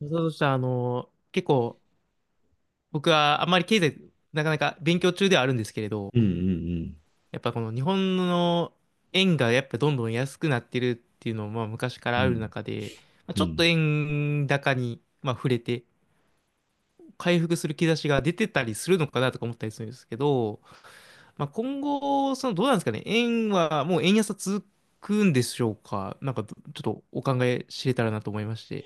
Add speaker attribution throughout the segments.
Speaker 1: そうそうしたら、結構、僕はあんまり経済、なかなか勉強中ではあるんですけれど、
Speaker 2: うんうん
Speaker 1: やっぱこの日本の円がやっぱどんどん安くなってるっていうのも、まあ昔か
Speaker 2: う
Speaker 1: ら
Speaker 2: ん
Speaker 1: ある中で、まあ、
Speaker 2: うんう
Speaker 1: ちょっと
Speaker 2: ん。
Speaker 1: 円高に、まあ、触れて、回復する兆しが出てたりするのかなとか思ったりするんですけど、まあ、今後、どうなんですかね、円はもう円安は続くんでしょうか、なんかちょっとお考え知れたらなと思いまして。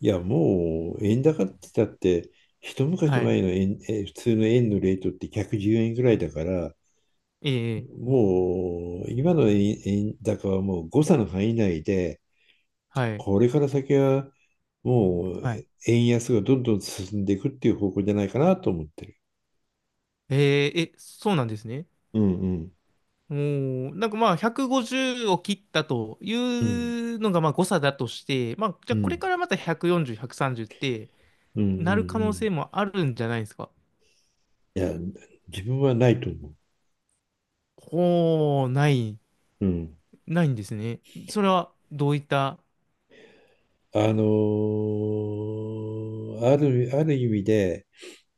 Speaker 2: いや、もう円高って言ったって、一昔
Speaker 1: はい。
Speaker 2: 前の円、普通の円のレートって110円ぐらいだから、
Speaker 1: ええ、
Speaker 2: もう今の円、円高はもう誤差の範囲内で、
Speaker 1: はい。
Speaker 2: これから先はもう
Speaker 1: はい。
Speaker 2: 円安がどんどん進んでいくっていう方向じゃないかなと思ってる。
Speaker 1: えーえ、そうなんですね。
Speaker 2: うんうん
Speaker 1: おー、なんかまあ150を切ったとい
Speaker 2: うん
Speaker 1: うのがまあ誤差だとして、まあじ
Speaker 2: う
Speaker 1: ゃあこれ
Speaker 2: ん
Speaker 1: からまた140、130って
Speaker 2: うんうん
Speaker 1: なる可能
Speaker 2: う
Speaker 1: 性
Speaker 2: ん。
Speaker 1: もあるんじゃないですか。
Speaker 2: いや、自分はないと思う。
Speaker 1: ほー、ない、
Speaker 2: うん。
Speaker 1: ないんですね。それはどういった、
Speaker 2: ある意味で、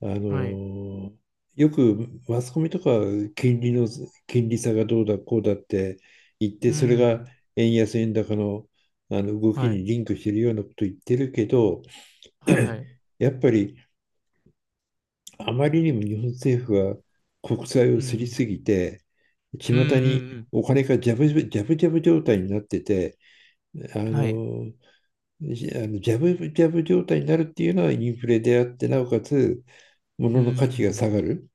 Speaker 2: あ
Speaker 1: はい。
Speaker 2: のよくマスコミとかは金利の金利差がどうだこうだって言って、
Speaker 1: う
Speaker 2: それが
Speaker 1: ん、
Speaker 2: 円安円高の、動き
Speaker 1: はい、
Speaker 2: にリンクしてるようなこと言ってるけど、
Speaker 1: はい、はい。
Speaker 2: やっぱりあまりにも日本政府は国債を
Speaker 1: う
Speaker 2: すり
Speaker 1: ん、
Speaker 2: すぎて、巷
Speaker 1: うん、
Speaker 2: に
Speaker 1: うん、
Speaker 2: お金がジャブジャブジャブジャブ状態になってて、あ
Speaker 1: うん、はい。
Speaker 2: のじあのジャブジャブ状態になるっていうのはインフレであって、なおかつ
Speaker 1: う
Speaker 2: 物の価値が
Speaker 1: ん、
Speaker 2: 下がる。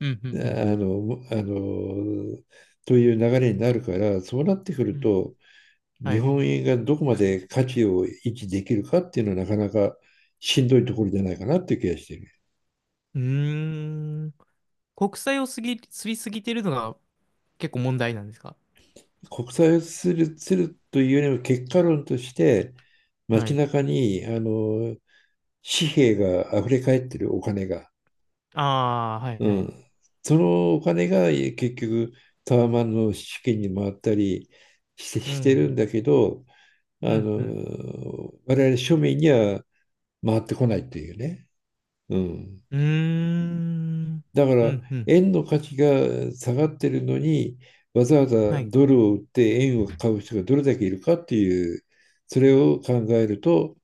Speaker 1: うん、う
Speaker 2: あ
Speaker 1: ん、うん、
Speaker 2: の、あの、という流れになるから、そうなってく
Speaker 1: う
Speaker 2: る
Speaker 1: ん
Speaker 2: と、
Speaker 1: は
Speaker 2: 日
Speaker 1: い。
Speaker 2: 本円がどこまで価値を維持できるかっていうのはなかなかしんどいところじゃないかなっていう気がしている。
Speaker 1: うーん、国債を過ぎすぎてるのが結構問題なんですか。
Speaker 2: 国際をするというよりも結果論として、
Speaker 1: は
Speaker 2: 街
Speaker 1: い
Speaker 2: 中に、紙幣が溢れ返ってる、お金が。
Speaker 1: ああ、はい
Speaker 2: う
Speaker 1: はい。
Speaker 2: ん。そのお金が結局タワマンの資金に回ったり
Speaker 1: う
Speaker 2: してるん
Speaker 1: ん。
Speaker 2: だけど、
Speaker 1: うん、うん。
Speaker 2: 我々庶民には回ってこないっていうね。うん。
Speaker 1: うーん。
Speaker 2: だか
Speaker 1: う
Speaker 2: ら、
Speaker 1: ん、うん。
Speaker 2: 円の価値が下がってるのに、わざわざ
Speaker 1: はい。
Speaker 2: ドルを売って円を買う人がどれだけいるかっていう、それを考えると、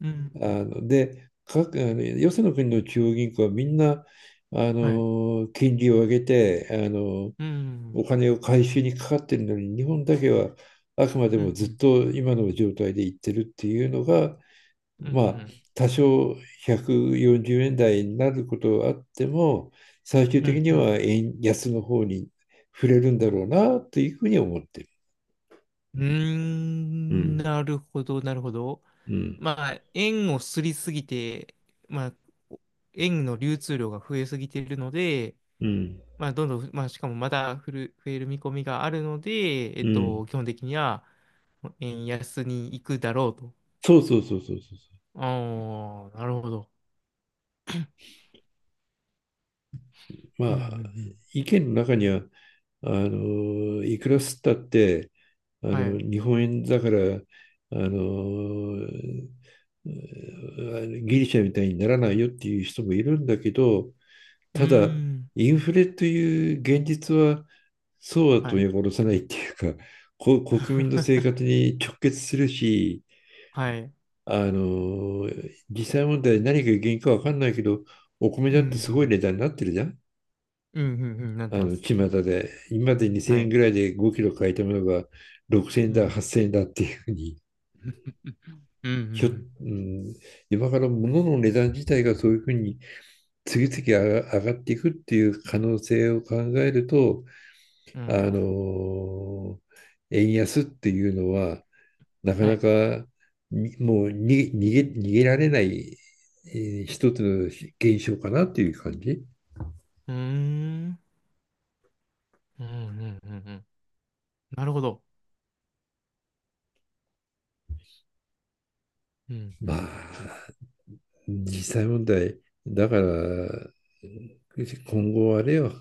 Speaker 1: うん。
Speaker 2: あの、で、各、あの、よその国の中央銀行はみんな、
Speaker 1: はい。
Speaker 2: 金利を上げて、
Speaker 1: う
Speaker 2: お
Speaker 1: ん。
Speaker 2: 金を回収にかかってるのに、日本だけはあくまで
Speaker 1: うん、う
Speaker 2: もずっ
Speaker 1: ん。
Speaker 2: と今の状態でいってるっていうのが、
Speaker 1: う
Speaker 2: まあ、
Speaker 1: ん。
Speaker 2: 多少140円台になることはあっても、最終
Speaker 1: う
Speaker 2: 的
Speaker 1: ん、
Speaker 2: に
Speaker 1: うん。
Speaker 2: は円安の方に触れるんだろうなというふうに思ってる。
Speaker 1: うー
Speaker 2: う
Speaker 1: ん
Speaker 2: ん、
Speaker 1: なるほど、なるほど。
Speaker 2: うん、
Speaker 1: まあ、円をすりすぎて、まあ、円の流通量が増えすぎているので、
Speaker 2: うん、
Speaker 1: まあ、どんどん、まあ、しかもまだ増える見込みがあるので、
Speaker 2: うん。
Speaker 1: 基本的には円安に行くだろうと。
Speaker 2: そうそうそうそうそうそ
Speaker 1: ああ、なるほど。
Speaker 2: う。ま
Speaker 1: うんうんう
Speaker 2: あ、
Speaker 1: ん。
Speaker 2: 意見の中には、いくら吸ったって、
Speaker 1: はい。う
Speaker 2: 日本円だから、あの、うんギリシャみたいにならないよっていう人もいるんだけど、
Speaker 1: ー
Speaker 2: ただ、
Speaker 1: ん。
Speaker 2: インフレという現実はそうは
Speaker 1: はい。
Speaker 2: 取り戻さないっていうか、国民の生 活に直結するし、
Speaker 1: はい。
Speaker 2: あの、実際問題何が原因かわかんないけど、お米
Speaker 1: うん
Speaker 2: だ
Speaker 1: う
Speaker 2: ってすごい
Speaker 1: ん。
Speaker 2: 値段になってるじゃん。
Speaker 1: うんうんうん。なってます。
Speaker 2: 巷で。今まで2000
Speaker 1: は
Speaker 2: 円
Speaker 1: い。
Speaker 2: ぐらいで5キロ買えたものが6000円
Speaker 1: う
Speaker 2: だ、
Speaker 1: ん。
Speaker 2: 8000円だっていうふうに。
Speaker 1: うんう
Speaker 2: ひょ、う
Speaker 1: ん
Speaker 2: ん、今から物の値段自体がそういうふうに次々上がっていくっていう可能性を考えると、
Speaker 1: うん。う
Speaker 2: あ
Speaker 1: ん
Speaker 2: の、円安っていうのは、なか
Speaker 1: は
Speaker 2: な
Speaker 1: い。
Speaker 2: かにもうに逃げられない、一つの現象かなっていう感じ。
Speaker 1: うーん。うんうんうんうん。なるほど。うんう
Speaker 2: ま
Speaker 1: ん
Speaker 2: あ、
Speaker 1: うんうん。
Speaker 2: 実際問題、だから、今後あれよ、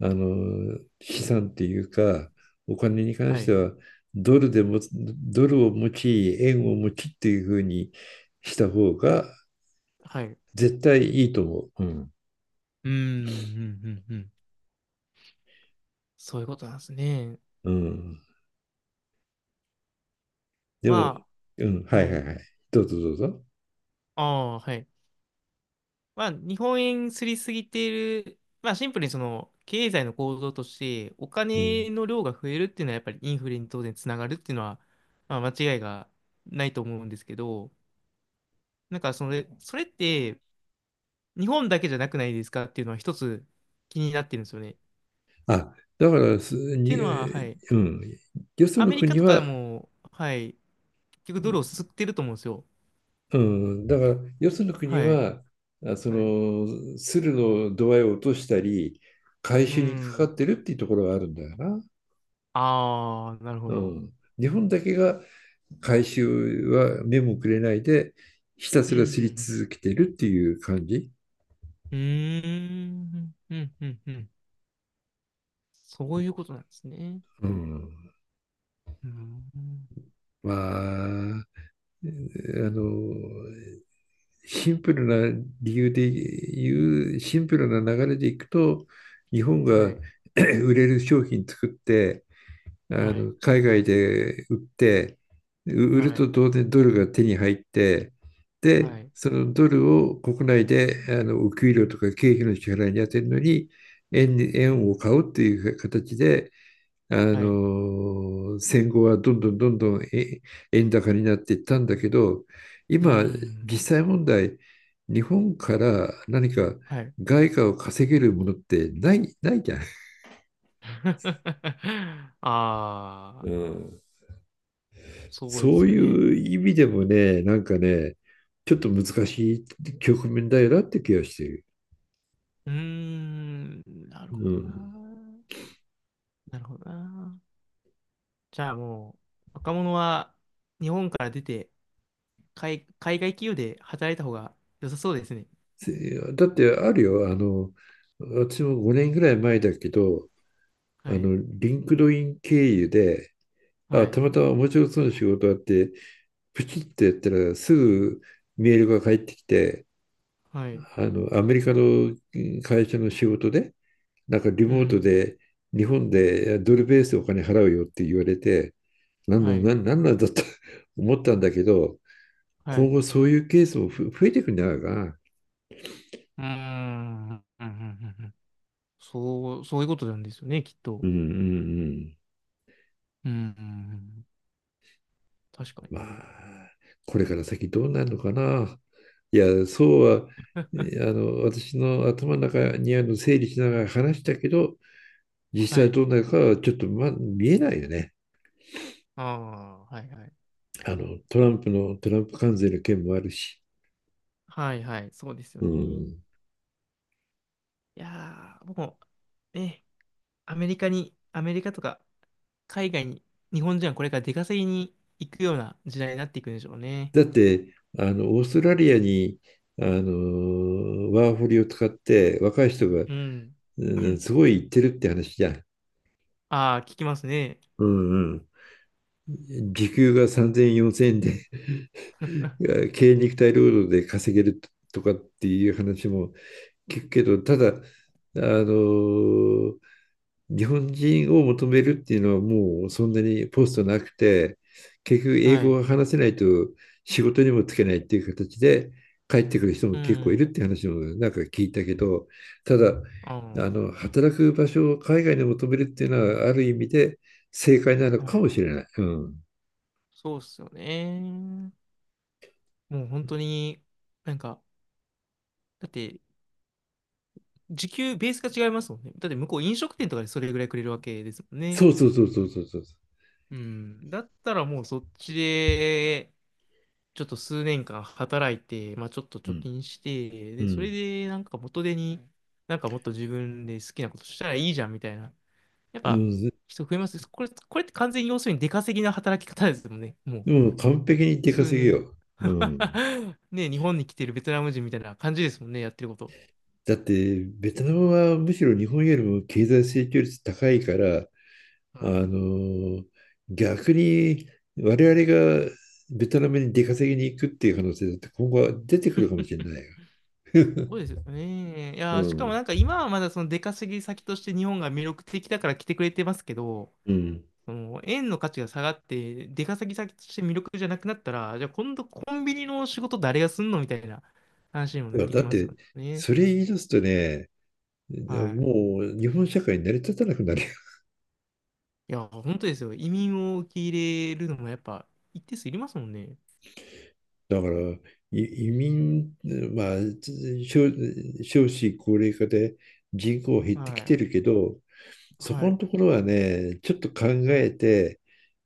Speaker 2: 資産っていうか、お金に関
Speaker 1: は
Speaker 2: して
Speaker 1: い。
Speaker 2: は、ドルを持ち、円を持ちっていうふうにした方が
Speaker 1: はい。
Speaker 2: 絶対いいと思う。うん。
Speaker 1: うん。うんうんうんうん。そういうことなんですね。
Speaker 2: うん。でも、
Speaker 1: ま
Speaker 2: うん、
Speaker 1: あ、
Speaker 2: は
Speaker 1: は
Speaker 2: いはい
Speaker 1: い。
Speaker 2: はい。どうぞどうぞ。
Speaker 1: ああ、はい。まあ、日本円すりすぎている、まあ、シンプルにその経済の構造として、お
Speaker 2: うん。
Speaker 1: 金の量が増えるっていうのは、やっぱりインフレに当然つながるっていうのは、まあ、間違いがないと思うんですけど、なんかそれって、日本だけじゃなくないですかっていうのは、一つ気になってるんですよね。っ
Speaker 2: あ、だからす、
Speaker 1: ていう
Speaker 2: に、
Speaker 1: のは、はい、
Speaker 2: うん、よそ
Speaker 1: ア
Speaker 2: の
Speaker 1: メリカ
Speaker 2: 国
Speaker 1: とかで
Speaker 2: は、
Speaker 1: も、はい、結局ドルを吸ってると思うんですよ。
Speaker 2: うん、だから、よその国
Speaker 1: はい。
Speaker 2: は、
Speaker 1: はい。
Speaker 2: 鶴の度合いを落としたり、回
Speaker 1: う
Speaker 2: 収にかかっ
Speaker 1: ん。
Speaker 2: てるっていうところはあるんだよな。
Speaker 1: ああ、なるほ
Speaker 2: う
Speaker 1: ど。
Speaker 2: ん。日本だけが回収は目もくれないで、ひた
Speaker 1: う
Speaker 2: す
Speaker 1: んう
Speaker 2: らすり
Speaker 1: ん
Speaker 2: 続けてるっていう感じ。
Speaker 1: うん。うーん。うんうんうん。そういうことなんですね。
Speaker 2: うん。
Speaker 1: うん。
Speaker 2: まあ、の、シンプルシンプルな流れでいくと、日本
Speaker 1: は
Speaker 2: が
Speaker 1: い。
Speaker 2: 売れる商品作って、
Speaker 1: はい。
Speaker 2: 海外で売って、売る
Speaker 1: は
Speaker 2: と
Speaker 1: い。
Speaker 2: 当然ドルが手に入って、
Speaker 1: は
Speaker 2: で、
Speaker 1: い。
Speaker 2: そのドルを国内でお給料とか経費の支払いに充てるのに、
Speaker 1: う
Speaker 2: 円を
Speaker 1: ん。
Speaker 2: 買うっていう形で、
Speaker 1: はい。
Speaker 2: 戦後はどんどんどんどん円高になっていったんだけど、
Speaker 1: う
Speaker 2: 今、
Speaker 1: ん。
Speaker 2: 実際問題、日本から何か
Speaker 1: はい。
Speaker 2: 外貨を稼げるものってないじゃん。
Speaker 1: ああ、
Speaker 2: うん。
Speaker 1: そうで
Speaker 2: そ
Speaker 1: す
Speaker 2: う
Speaker 1: よね。
Speaker 2: いう意味でもね、なんかね、ちょっと難しい局面だよなって気がしてる。
Speaker 1: うーん、なるほ
Speaker 2: う
Speaker 1: どな。
Speaker 2: ん。
Speaker 1: なるほどな。じゃあもう、若者は日本から出て、海外企業で働いた方が良さそうですね。
Speaker 2: だってあるよ、私も5年ぐらい前だけど、
Speaker 1: はい。
Speaker 2: リンクドイン経由で、
Speaker 1: は
Speaker 2: あ、
Speaker 1: い。
Speaker 2: たまたま面白そうな仕事あって、プチッとやったらすぐメールが返ってきて、
Speaker 1: はい。
Speaker 2: アメリカの会社の仕事で、なんかリ
Speaker 1: う
Speaker 2: モート
Speaker 1: ん。
Speaker 2: で日本でドルベースでお金払うよって言われて、
Speaker 1: はい。
Speaker 2: なんだと 思ったんだけど、
Speaker 1: はい。
Speaker 2: 今
Speaker 1: う
Speaker 2: 後そういうケースも増えてくんじゃないかな。
Speaker 1: ーん。うん。うん。うん。そう、そういうことなんですよね、きっ
Speaker 2: う
Speaker 1: と。
Speaker 2: んうんうん。
Speaker 1: うん、うんうん確か
Speaker 2: ま
Speaker 1: に。
Speaker 2: あ、これから先どうなるのかな。いや、そうは、あの、私の頭の中にある整理しながら話したけど、実
Speaker 1: は
Speaker 2: 際
Speaker 1: い。
Speaker 2: どうなるかはちょっと、ま、見えないよね。
Speaker 1: ああ、はいはい。
Speaker 2: トランプ関税の件もあるし。
Speaker 1: はいはい、そうですよ
Speaker 2: う
Speaker 1: ね。い
Speaker 2: ん、
Speaker 1: やー、僕もう、ね、アメリカとか海外に、日本人はこれから出稼ぎに行くような時代になっていくんでしょうね。
Speaker 2: だって、オーストラリアに、ワーホリを使って若い人が、
Speaker 1: うん。
Speaker 2: うんすごい行ってるって話じゃん。
Speaker 1: ああ、聞きますね。
Speaker 2: うんうん。時給が3000円、4000円で 軽肉体労働で稼げるとかっていう話も聞くけど、ただ、あの、日本人を求めるっていうのはもうそんなにポストなくて、結局英
Speaker 1: は
Speaker 2: 語
Speaker 1: い。
Speaker 2: が話せないと仕事にもつけないっていう形で帰ってくる人も
Speaker 1: う
Speaker 2: 結構いるっ
Speaker 1: ん。
Speaker 2: て話もなんか聞いたけど、ただ、
Speaker 1: あ
Speaker 2: 働く場所を海外に求めるっていうのはある意味で正解なの
Speaker 1: あ、は
Speaker 2: か
Speaker 1: い。
Speaker 2: もしれない。うん。
Speaker 1: そうっすよね。もう本当に、なんか、だって、時給、ベースが違いますもんね。だって向こう飲食店とかでそれぐらいくれるわけですもんね。
Speaker 2: そうそうそうそうそうそう。
Speaker 1: うん。だったらもうそっちで、ちょっと数年間働いて、まあちょっと
Speaker 2: う
Speaker 1: 貯
Speaker 2: ん。
Speaker 1: 金して、
Speaker 2: う
Speaker 1: で、それ
Speaker 2: ん。
Speaker 1: でなんか元手に、なんかもっと自分で好きなことしたらいいじゃんみたいな。やっ
Speaker 2: う
Speaker 1: ぱ
Speaker 2: ん。
Speaker 1: 人増えます。これって完全に要するに出稼ぎな働き方ですもんね。もう、
Speaker 2: でも完璧に出
Speaker 1: 数
Speaker 2: 稼ぎ
Speaker 1: 年。
Speaker 2: よ。うん。
Speaker 1: ね、日本に来てるベトナム人みたいな感じですもんね、やってること。
Speaker 2: だって、ベトナムはむしろ日本よりも経済成長率高いから、あ
Speaker 1: はい。
Speaker 2: のー逆に我々がベトナムに出稼ぎに行くっていう可能性だって今後は出てくるかもしれないよ。
Speaker 1: ごいですよね。い
Speaker 2: う
Speaker 1: やー、しかも
Speaker 2: ん。
Speaker 1: なんか今はまだその出稼ぎ先として日本が魅力的だから来てくれてますけど、
Speaker 2: うん。
Speaker 1: その円の価値が下がって、出稼ぎ先として魅力じゃなくなったら、じゃあ今度コンビニの仕事誰がすんのみたいな話にもな
Speaker 2: い
Speaker 1: っ
Speaker 2: や
Speaker 1: てき
Speaker 2: だっ
Speaker 1: ますよ
Speaker 2: て、
Speaker 1: ね。
Speaker 2: それ言い出すとね、
Speaker 1: はい。
Speaker 2: もう日本社会に成り立たなくなる。
Speaker 1: いやー、本当ですよ。移民を受け入れるのもやっぱ一定数いりますもんね。
Speaker 2: だから、移民、まあ、少少子高齢化で人口減ってき
Speaker 1: は
Speaker 2: て
Speaker 1: い。
Speaker 2: るけど、そ
Speaker 1: は
Speaker 2: こ
Speaker 1: い。
Speaker 2: のところはね、ちょっと考えて、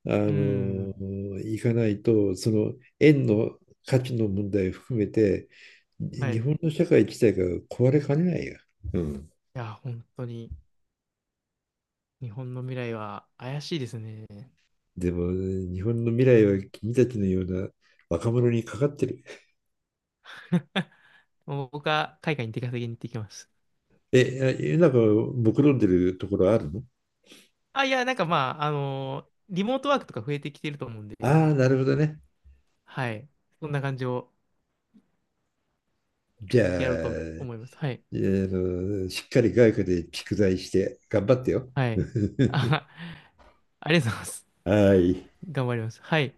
Speaker 2: あ
Speaker 1: う
Speaker 2: の、
Speaker 1: ん。
Speaker 2: いかないと、その円の価値の問題を含めて、
Speaker 1: はい。
Speaker 2: 日
Speaker 1: い
Speaker 2: 本の社会自体が壊れかねないよ。うん。
Speaker 1: やー、本当に日本の未来は怪しいですね。
Speaker 2: でも、日本の未来は君たちのような若者にかかってる。
Speaker 1: もう僕は海外に出稼ぎに行ってきます。
Speaker 2: え、なんか、目論んでるところあるの？
Speaker 1: あ、いや、なんかまあ、リモートワークとか増えてきてると思うんで、
Speaker 2: ああー、なるほどね。
Speaker 1: はい。そんな感じを
Speaker 2: じゃあ、
Speaker 1: やろうと思います。はい。
Speaker 2: しっかり外科で蓄財して頑張ってよ。
Speaker 1: はい。あ、ありがとうございます。
Speaker 2: はい。
Speaker 1: 頑張ります。はい。